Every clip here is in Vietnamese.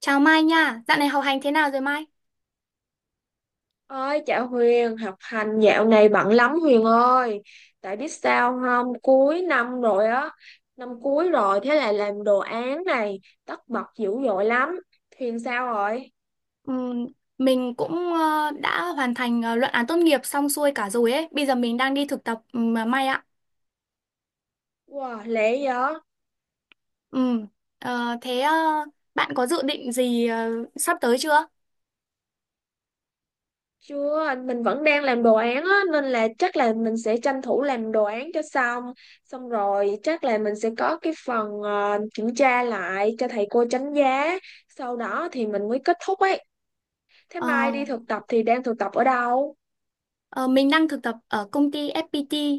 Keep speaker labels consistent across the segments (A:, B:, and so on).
A: Chào Mai nha, dạo này học hành thế nào rồi Mai?
B: Ơi chào Huyền, học hành dạo này bận lắm Huyền ơi. Tại biết sao không, cuối năm rồi á, năm cuối rồi thế là làm đồ án này tất bật dữ dội lắm. Huyền sao rồi?
A: Ừm, mình cũng đã hoàn thành luận án tốt nghiệp xong xuôi cả rồi ấy. Bây giờ mình đang đi thực tập mà Mai ạ.
B: Wow, lẹ vậy?
A: Ừm, ờ, thế ờ, Bạn có dự định gì sắp tới chưa?
B: Chưa, mình vẫn đang làm đồ án á nên là chắc là mình sẽ tranh thủ làm đồ án cho xong. Xong rồi chắc là mình sẽ có cái phần kiểm tra lại cho thầy cô đánh giá. Sau đó thì mình mới kết thúc ấy. Thế
A: Ờ,
B: mai đi thực tập thì đang thực tập ở đâu?
A: ờ, mình đang thực tập ở công ty FPT.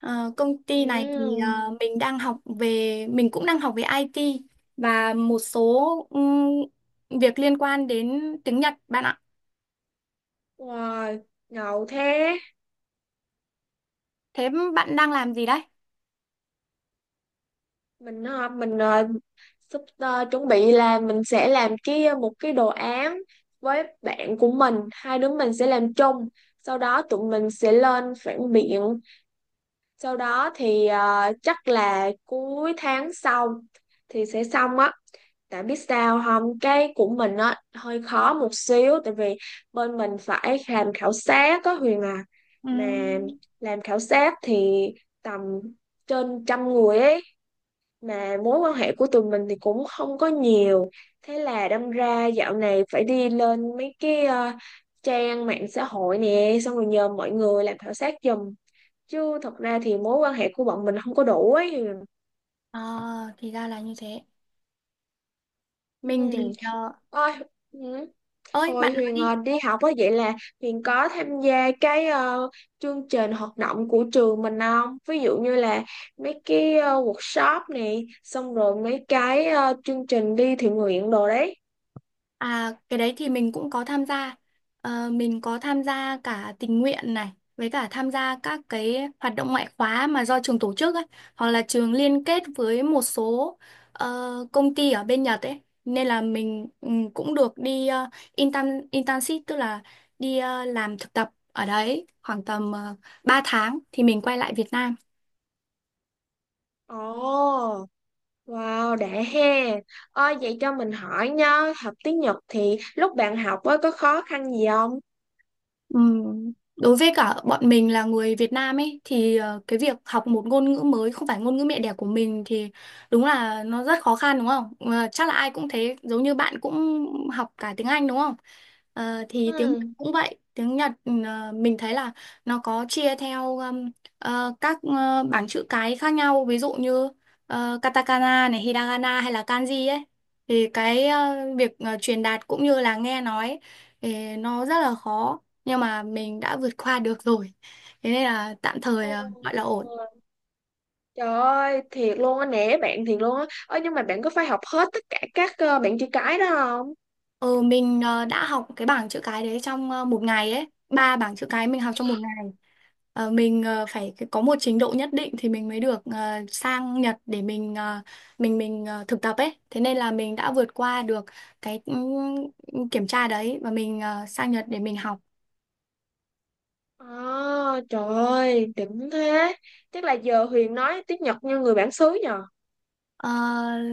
A: Ờ, Công ty này thì
B: Ừ,
A: mình cũng đang học về IT và một số việc liên quan đến tiếng Nhật bạn ạ.
B: wow, ngầu thế.
A: Thế bạn đang làm gì đấy?
B: Mình sắp chuẩn bị là mình sẽ làm một cái đồ án với bạn của mình, hai đứa mình sẽ làm chung. Sau đó tụi mình sẽ lên phản biện. Sau đó thì chắc là cuối tháng sau thì sẽ xong á. Tại biết sao không, cái của mình á hơi khó một xíu tại vì bên mình phải làm khảo sát á Huyền à.
A: Ừ,
B: Mà làm khảo sát thì tầm trên trăm người ấy mà mối quan hệ của tụi mình thì cũng không có nhiều. Thế là đâm ra dạo này phải đi lên mấy trang mạng xã hội nè xong rồi nhờ mọi người làm khảo sát giùm. Chứ thật ra thì mối quan hệ của bọn mình không có đủ ấy.
A: ờ thì ra là như thế.
B: Ừ.
A: Mình thì
B: Ôi, ừ.
A: ơi bạn
B: Hồi
A: nói
B: Huyền
A: đi.
B: đi học á vậy là Huyền có tham gia chương trình hoạt động của trường mình không? Ví dụ như là mấy workshop này, xong rồi mấy chương trình đi thiện nguyện đồ đấy.
A: À cái đấy thì mình cũng có tham gia. Ờ, mình có tham gia cả tình nguyện này với cả tham gia các cái hoạt động ngoại khóa mà do trường tổ chức ấy, hoặc là trường liên kết với một số công ty ở bên Nhật ấy. Nên là mình cũng được đi intern internship tức là đi làm thực tập ở đấy khoảng tầm 3 tháng thì mình quay lại Việt Nam.
B: Ồ, wow, đã ha. Ôi, vậy cho mình hỏi nha, học tiếng Nhật thì lúc bạn học á có khó khăn gì không?
A: Ừm, Đối với cả bọn mình là người Việt Nam ấy thì cái việc học một ngôn ngữ mới không phải ngôn ngữ mẹ đẻ của mình thì đúng là nó rất khó khăn đúng không? Ờ, chắc là ai cũng thế, giống như bạn cũng học cả tiếng Anh đúng không? Ờ, thì tiếng
B: Ừ.
A: Nhật cũng vậy, tiếng Nhật mình thấy là nó có chia theo các bảng chữ cái khác nhau, ví dụ như katakana này, hiragana hay là kanji ấy. Thì cái việc truyền đạt cũng như là nghe nói ấy, thì nó rất là khó nhưng mà mình đã vượt qua được rồi, thế nên là tạm thời là gọi là ổn.
B: Ồ. Trời ơi, thiệt luôn á, nể bạn thiệt luôn á. Ơ nhưng mà bạn có phải học hết tất cả các bạn chữ cái đó không?
A: Ừ mình đã học cái bảng chữ cái đấy trong một ngày ấy, ba bảng chữ cái mình học trong một ngày. Ờ, mình phải có một trình độ nhất định thì mình mới được sang Nhật để mình thực tập ấy, thế nên là mình đã vượt qua được cái kiểm tra đấy và mình sang Nhật để mình học.
B: À, trời ơi, đỉnh thế. Chắc là giờ Huyền nói tiếng Nhật như người bản xứ nhờ.
A: Ờ,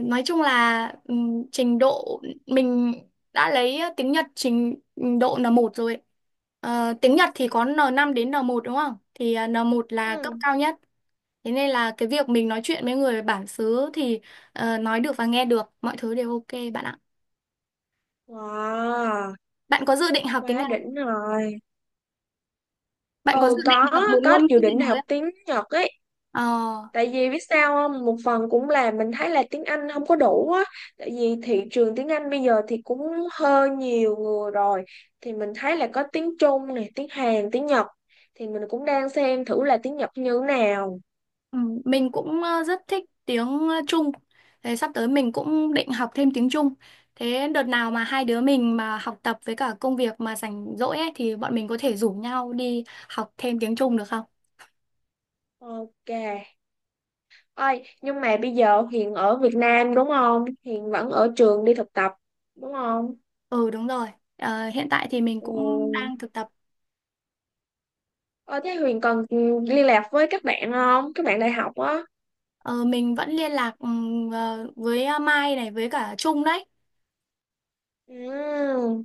A: nói chung là trình độ mình đã lấy tiếng Nhật trình độ N1 rồi ấy. Ờ, tiếng Nhật thì có N5 đến N1 đúng không? Thì à, N1 là cấp
B: Ừ.
A: cao nhất. Thế nên là cái việc mình nói chuyện với người bản xứ thì nói được và nghe được, mọi thứ đều ok bạn ạ.
B: Wow,
A: Bạn có dự định học tiếng
B: quá
A: Nhật không?
B: đỉnh rồi.
A: Bạn có dự
B: Ừ,
A: định học một
B: có
A: ngôn ngữ
B: dự
A: gì
B: định học
A: mới không?
B: tiếng Nhật ấy.
A: Ờ,
B: Tại vì biết sao không? Một phần cũng là mình thấy là tiếng Anh không có đủ á. Tại vì thị trường tiếng Anh bây giờ thì cũng hơi nhiều người rồi. Thì mình thấy là có tiếng Trung này, tiếng Hàn, tiếng Nhật. Thì mình cũng đang xem thử là tiếng Nhật như thế nào.
A: ừ, mình cũng rất thích tiếng Trung. Thế sắp tới mình cũng định học thêm tiếng Trung. Thế đợt nào mà hai đứa mình mà học tập với cả công việc mà rảnh rỗi ấy thì bọn mình có thể rủ nhau đi học thêm tiếng Trung được không?
B: Ok. Ôi, nhưng mà bây giờ Hiền ở Việt Nam đúng không? Hiền vẫn ở trường đi thực tập đúng không?
A: Ừ đúng rồi. Ờ, hiện tại thì mình cũng
B: Ừ.
A: đang thực tập.
B: Ờ, thế Huyền còn liên lạc với các bạn không? Các bạn đại học á.
A: Ờ, mình vẫn liên lạc với Mai này với cả Trung đấy.
B: Ừ.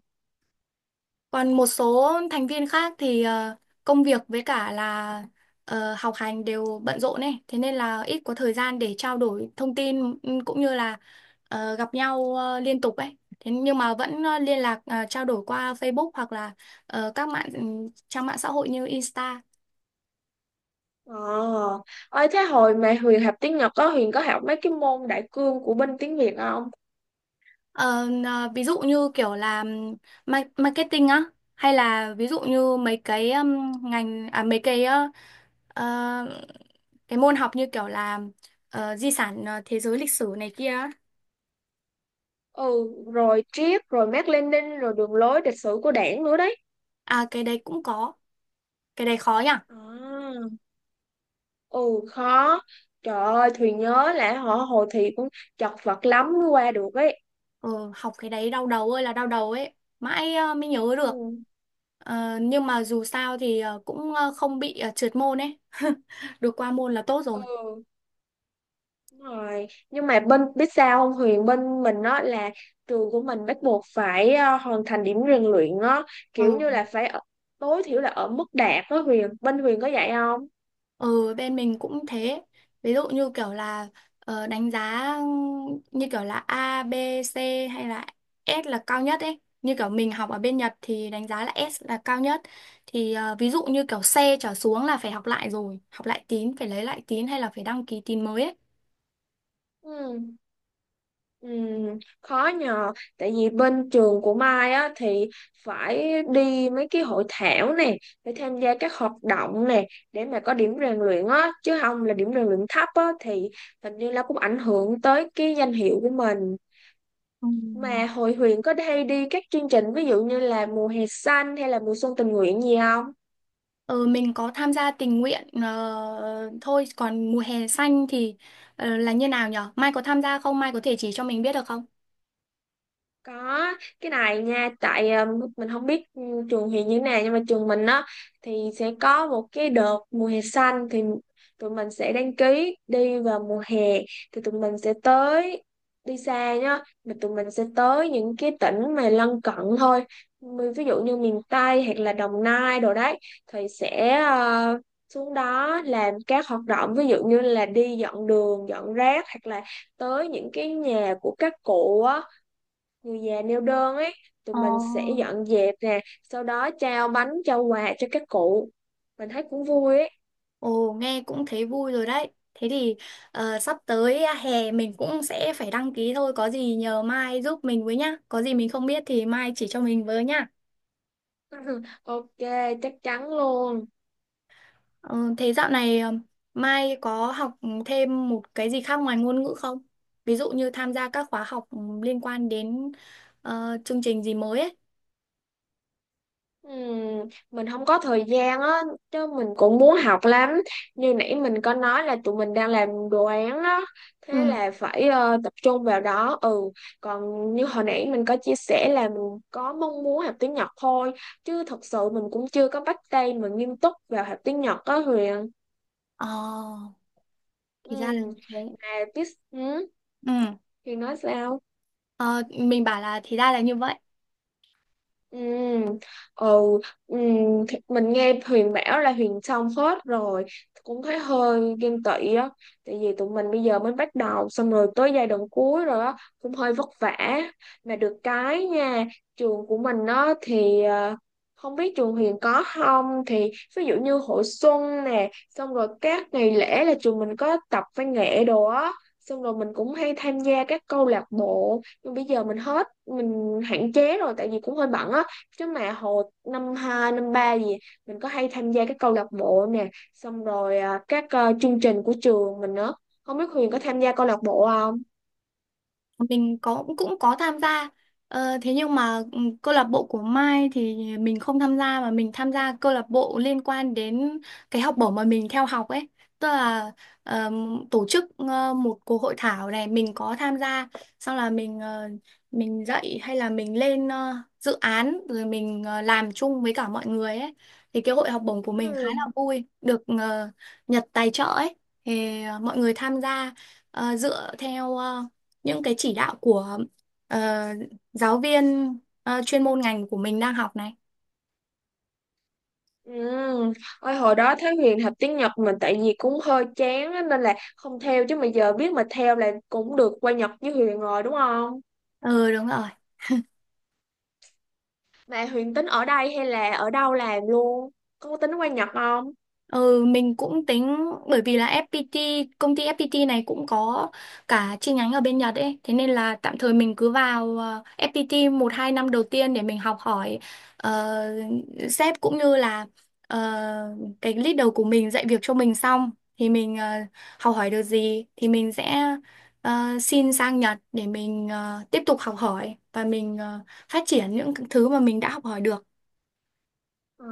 A: Còn một số thành viên khác thì công việc với cả là học hành đều bận rộn ấy, thế nên là ít có thời gian để trao đổi thông tin cũng như là gặp nhau liên tục ấy. Thế nhưng mà vẫn liên lạc trao đổi qua Facebook hoặc là ờ, các mạng ừ, trang mạng xã hội như Insta.
B: Ờ, ơi thế hồi mà Huyền học tiếng Nhật Huyền có học mấy cái môn đại cương của bên tiếng Việt không?
A: Ờ, Ví dụ như kiểu là ma- marketing á, hay là ví dụ như mấy cái ngành à mấy cái ờ, cái môn học như kiểu là di sản thế giới, lịch sử này kia á.
B: Ừ, rồi triết, rồi Mác Lênin, rồi đường lối lịch sử của Đảng nữa đấy.
A: À cái đấy cũng có, cái đấy khó nhỉ.
B: À, ừ khó. Trời ơi, Thùy nhớ là họ hồi thì cũng chật vật lắm mới qua được ấy.
A: Ừ, Học cái đấy đau đầu ơi là đau đầu ấy, mãi mới nhớ
B: Ừ,
A: được. Ờ, nhưng mà dù sao thì không bị trượt môn ấy được qua môn là tốt rồi.
B: ừ, đúng rồi. Nhưng mà bên biết sao không Huyền bên mình đó là trường của mình bắt buộc phải hoàn thành điểm rèn luyện á, kiểu
A: Ừ.
B: như là tối thiểu là ở mức đạt đó Huyền. Bên Huyền có dạy không?
A: Ừ, bên mình cũng thế. Ví dụ như kiểu là đánh giá như kiểu là A, B, C hay là S là cao nhất ấy. Như kiểu mình học ở bên Nhật thì đánh giá là S là cao nhất. Thì ví dụ như kiểu C trở xuống là phải học lại rồi. Học lại tín, phải lấy lại tín hay là phải đăng ký tín mới ấy.
B: Ừ, ừ, khó nhờ tại vì bên trường của Mai á thì phải đi mấy cái hội thảo nè phải tham gia các hoạt động nè để mà có điểm rèn luyện á chứ không là điểm rèn luyện thấp á thì hình như là cũng ảnh hưởng tới cái danh hiệu của mình
A: Ừ.
B: mà hội Huyền có hay đi các chương trình ví dụ như là mùa hè xanh hay là mùa xuân tình nguyện gì không?
A: Ừ, mình có tham gia tình nguyện thôi. Còn mùa hè xanh thì là như nào nhở? Mai có tham gia không? Mai có thể chỉ cho mình biết được không?
B: Có cái này nha tại mình không biết trường hiện như thế nào nhưng mà trường mình á thì sẽ có một cái đợt mùa hè xanh thì tụi mình sẽ đăng ký đi vào mùa hè thì tụi mình sẽ tới đi xa nhá mà tụi mình sẽ tới những cái tỉnh mà lân cận thôi. Ví dụ như miền Tây hoặc là Đồng Nai đồ đấy thì sẽ xuống đó làm các hoạt động ví dụ như là đi dọn đường dọn rác hoặc là tới những cái nhà của các cụ á người già neo đơn ấy tụi
A: Ờ.
B: mình sẽ dọn dẹp nè sau đó trao bánh trao quà cho các cụ mình thấy cũng vui ấy.
A: Ồ, nghe cũng thấy vui rồi đấy. Thế thì sắp tới hè mình cũng sẽ phải đăng ký thôi. Có gì nhờ Mai giúp mình với nhá. Có gì mình không biết thì Mai chỉ cho mình với nhá.
B: Ok, chắc chắn luôn.
A: Ờ, thế dạo này Mai có học thêm một cái gì khác ngoài ngôn ngữ không? Ví dụ như tham gia các khóa học liên quan đến chương trình gì mới ấy.
B: Mình không có thời gian á chứ mình cũng muốn học lắm như nãy mình có nói là tụi mình đang làm đồ án đó thế
A: Ừ.
B: là phải tập trung vào đó, ừ, còn như hồi nãy mình có chia sẻ là mình có mong muốn học tiếng Nhật thôi chứ thật sự mình cũng chưa có bắt tay mà nghiêm túc vào học tiếng Nhật á Huyền.
A: Ờ,
B: Ừ.
A: thì ra là như thế.
B: Therapist. Ừ,
A: Ừ.
B: Huyền nói sao?
A: Ờ, mình bảo là thì ra là như vậy.
B: Ừ, ừ, ừ, thì mình nghe Huyền bảo là Huyền xong hết rồi cũng thấy hơi ghen tị á tại vì tụi mình bây giờ mới bắt đầu xong rồi tới giai đoạn cuối rồi á cũng hơi vất vả mà được cái nha trường của mình á thì không biết trường Huyền có không thì ví dụ như hội xuân nè xong rồi các ngày lễ là trường mình có tập văn nghệ đồ á xong rồi mình cũng hay tham gia các câu lạc bộ. Nhưng bây giờ mình hết mình hạn chế rồi tại vì cũng hơi bận á chứ mà hồi năm 2 năm 3 gì mình có hay tham gia các câu lạc bộ nè xong rồi à, các chương trình của trường mình nữa. Không biết Huyền có tham gia câu lạc bộ không?
A: Mình cũng có tham gia, thế nhưng mà câu lạc bộ của Mai thì mình không tham gia, mà mình tham gia câu lạc bộ liên quan đến cái học bổng mà mình theo học ấy, tức là tổ chức một cuộc hội thảo này mình có tham gia, xong là mình mình dạy hay là mình lên dự án rồi mình làm chung với cả mọi người ấy. Thì cái hội học bổng của mình khá
B: Ừ.
A: là vui, được Nhật tài trợ ấy, thì mọi người tham gia dựa theo những cái chỉ đạo của ờ, giáo viên chuyên môn ngành của mình đang học này.
B: Ừ. Ôi, hồi đó thấy Huyền học tiếng Nhật mình tại vì cũng hơi chán á, nên là không theo chứ mà giờ biết mà theo là cũng được qua Nhật với Huyền rồi đúng không?
A: Ừ đúng rồi.
B: Mà Huyền tính ở đây hay là ở đâu làm luôn, có tính qua Nhật không?
A: Ừ, mình cũng tính, bởi vì là FPT công ty FPT này cũng có cả chi nhánh ở bên Nhật ấy, thế nên là tạm thời mình cứ vào FPT một hai năm đầu tiên để mình học hỏi ờ, sếp cũng như là ờ, cái leader của mình dạy việc cho mình, xong thì mình học hỏi được gì thì mình sẽ xin sang Nhật để mình tiếp tục học hỏi và mình phát triển những thứ mà mình đã học hỏi được.
B: Ờ,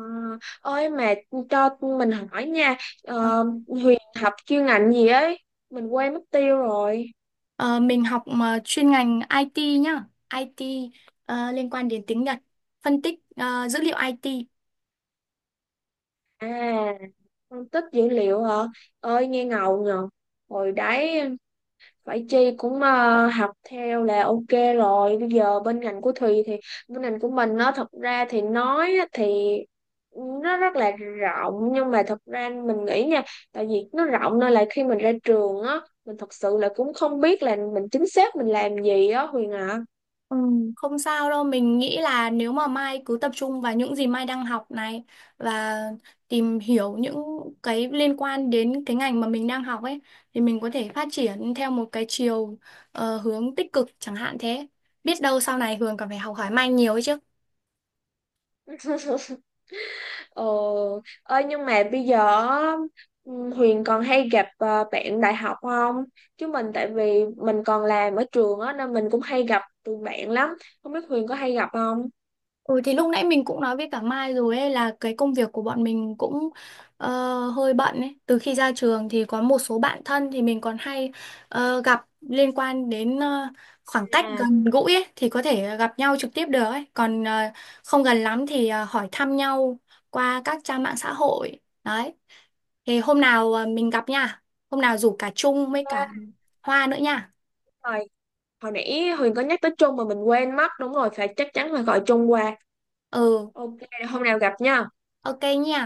B: Ơi mà cho mình hỏi nha, Huyền học chuyên ngành gì ấy mình quên mất tiêu rồi.
A: Ờ, mình học mà chuyên ngành IT nhá, IT ờ, liên quan đến tiếng Nhật, phân tích dữ liệu IT.
B: À, phân tích dữ liệu hả, ơi nghe ngầu nhờ. Hồi đấy vậy Chi cũng học theo là ok rồi. Bây giờ bên ngành của Thùy thì bên ngành của mình nó thật ra thì nói á thì nó rất là rộng nhưng mà thật ra mình nghĩ nha tại vì nó rộng nên là khi mình ra trường á mình thật sự là cũng không biết là mình chính xác mình làm gì á Huyền ạ.
A: Ừ, không sao đâu, mình nghĩ là nếu mà Mai cứ tập trung vào những gì Mai đang học này và tìm hiểu những cái liên quan đến cái ngành mà mình đang học ấy thì mình có thể phát triển theo một cái chiều hướng tích cực chẳng hạn thế. Biết đâu sau này Hường còn phải học hỏi Mai nhiều ấy chứ.
B: Ờ, Ơi nhưng mà bây giờ á, Huyền còn hay gặp bạn đại học không? Chứ mình tại vì mình còn làm ở trường á nên mình cũng hay gặp tụi bạn lắm. Không biết Huyền có hay gặp không?
A: Ừ thì lúc nãy mình cũng nói với cả Mai rồi ấy, là cái công việc của bọn mình cũng ờ, hơi bận ấy. Từ khi ra trường thì có một số bạn thân thì mình còn hay gặp, liên quan đến khoảng cách
B: À,
A: gần gũi ấy thì có thể gặp nhau trực tiếp được ấy. Còn không gần lắm thì hỏi thăm nhau qua các trang mạng xã hội. Đấy. Thì hôm nào mình gặp nha. Hôm nào rủ cả Trung với
B: À,
A: cả Hoa nữa nha.
B: Hồi, hồi nãy Huyền có nhắc tới Trung mà mình quên mất. Đúng rồi, phải chắc chắn phải gọi Trung qua.
A: Ừ,
B: Ok, hôm nào gặp nha.
A: ok nha.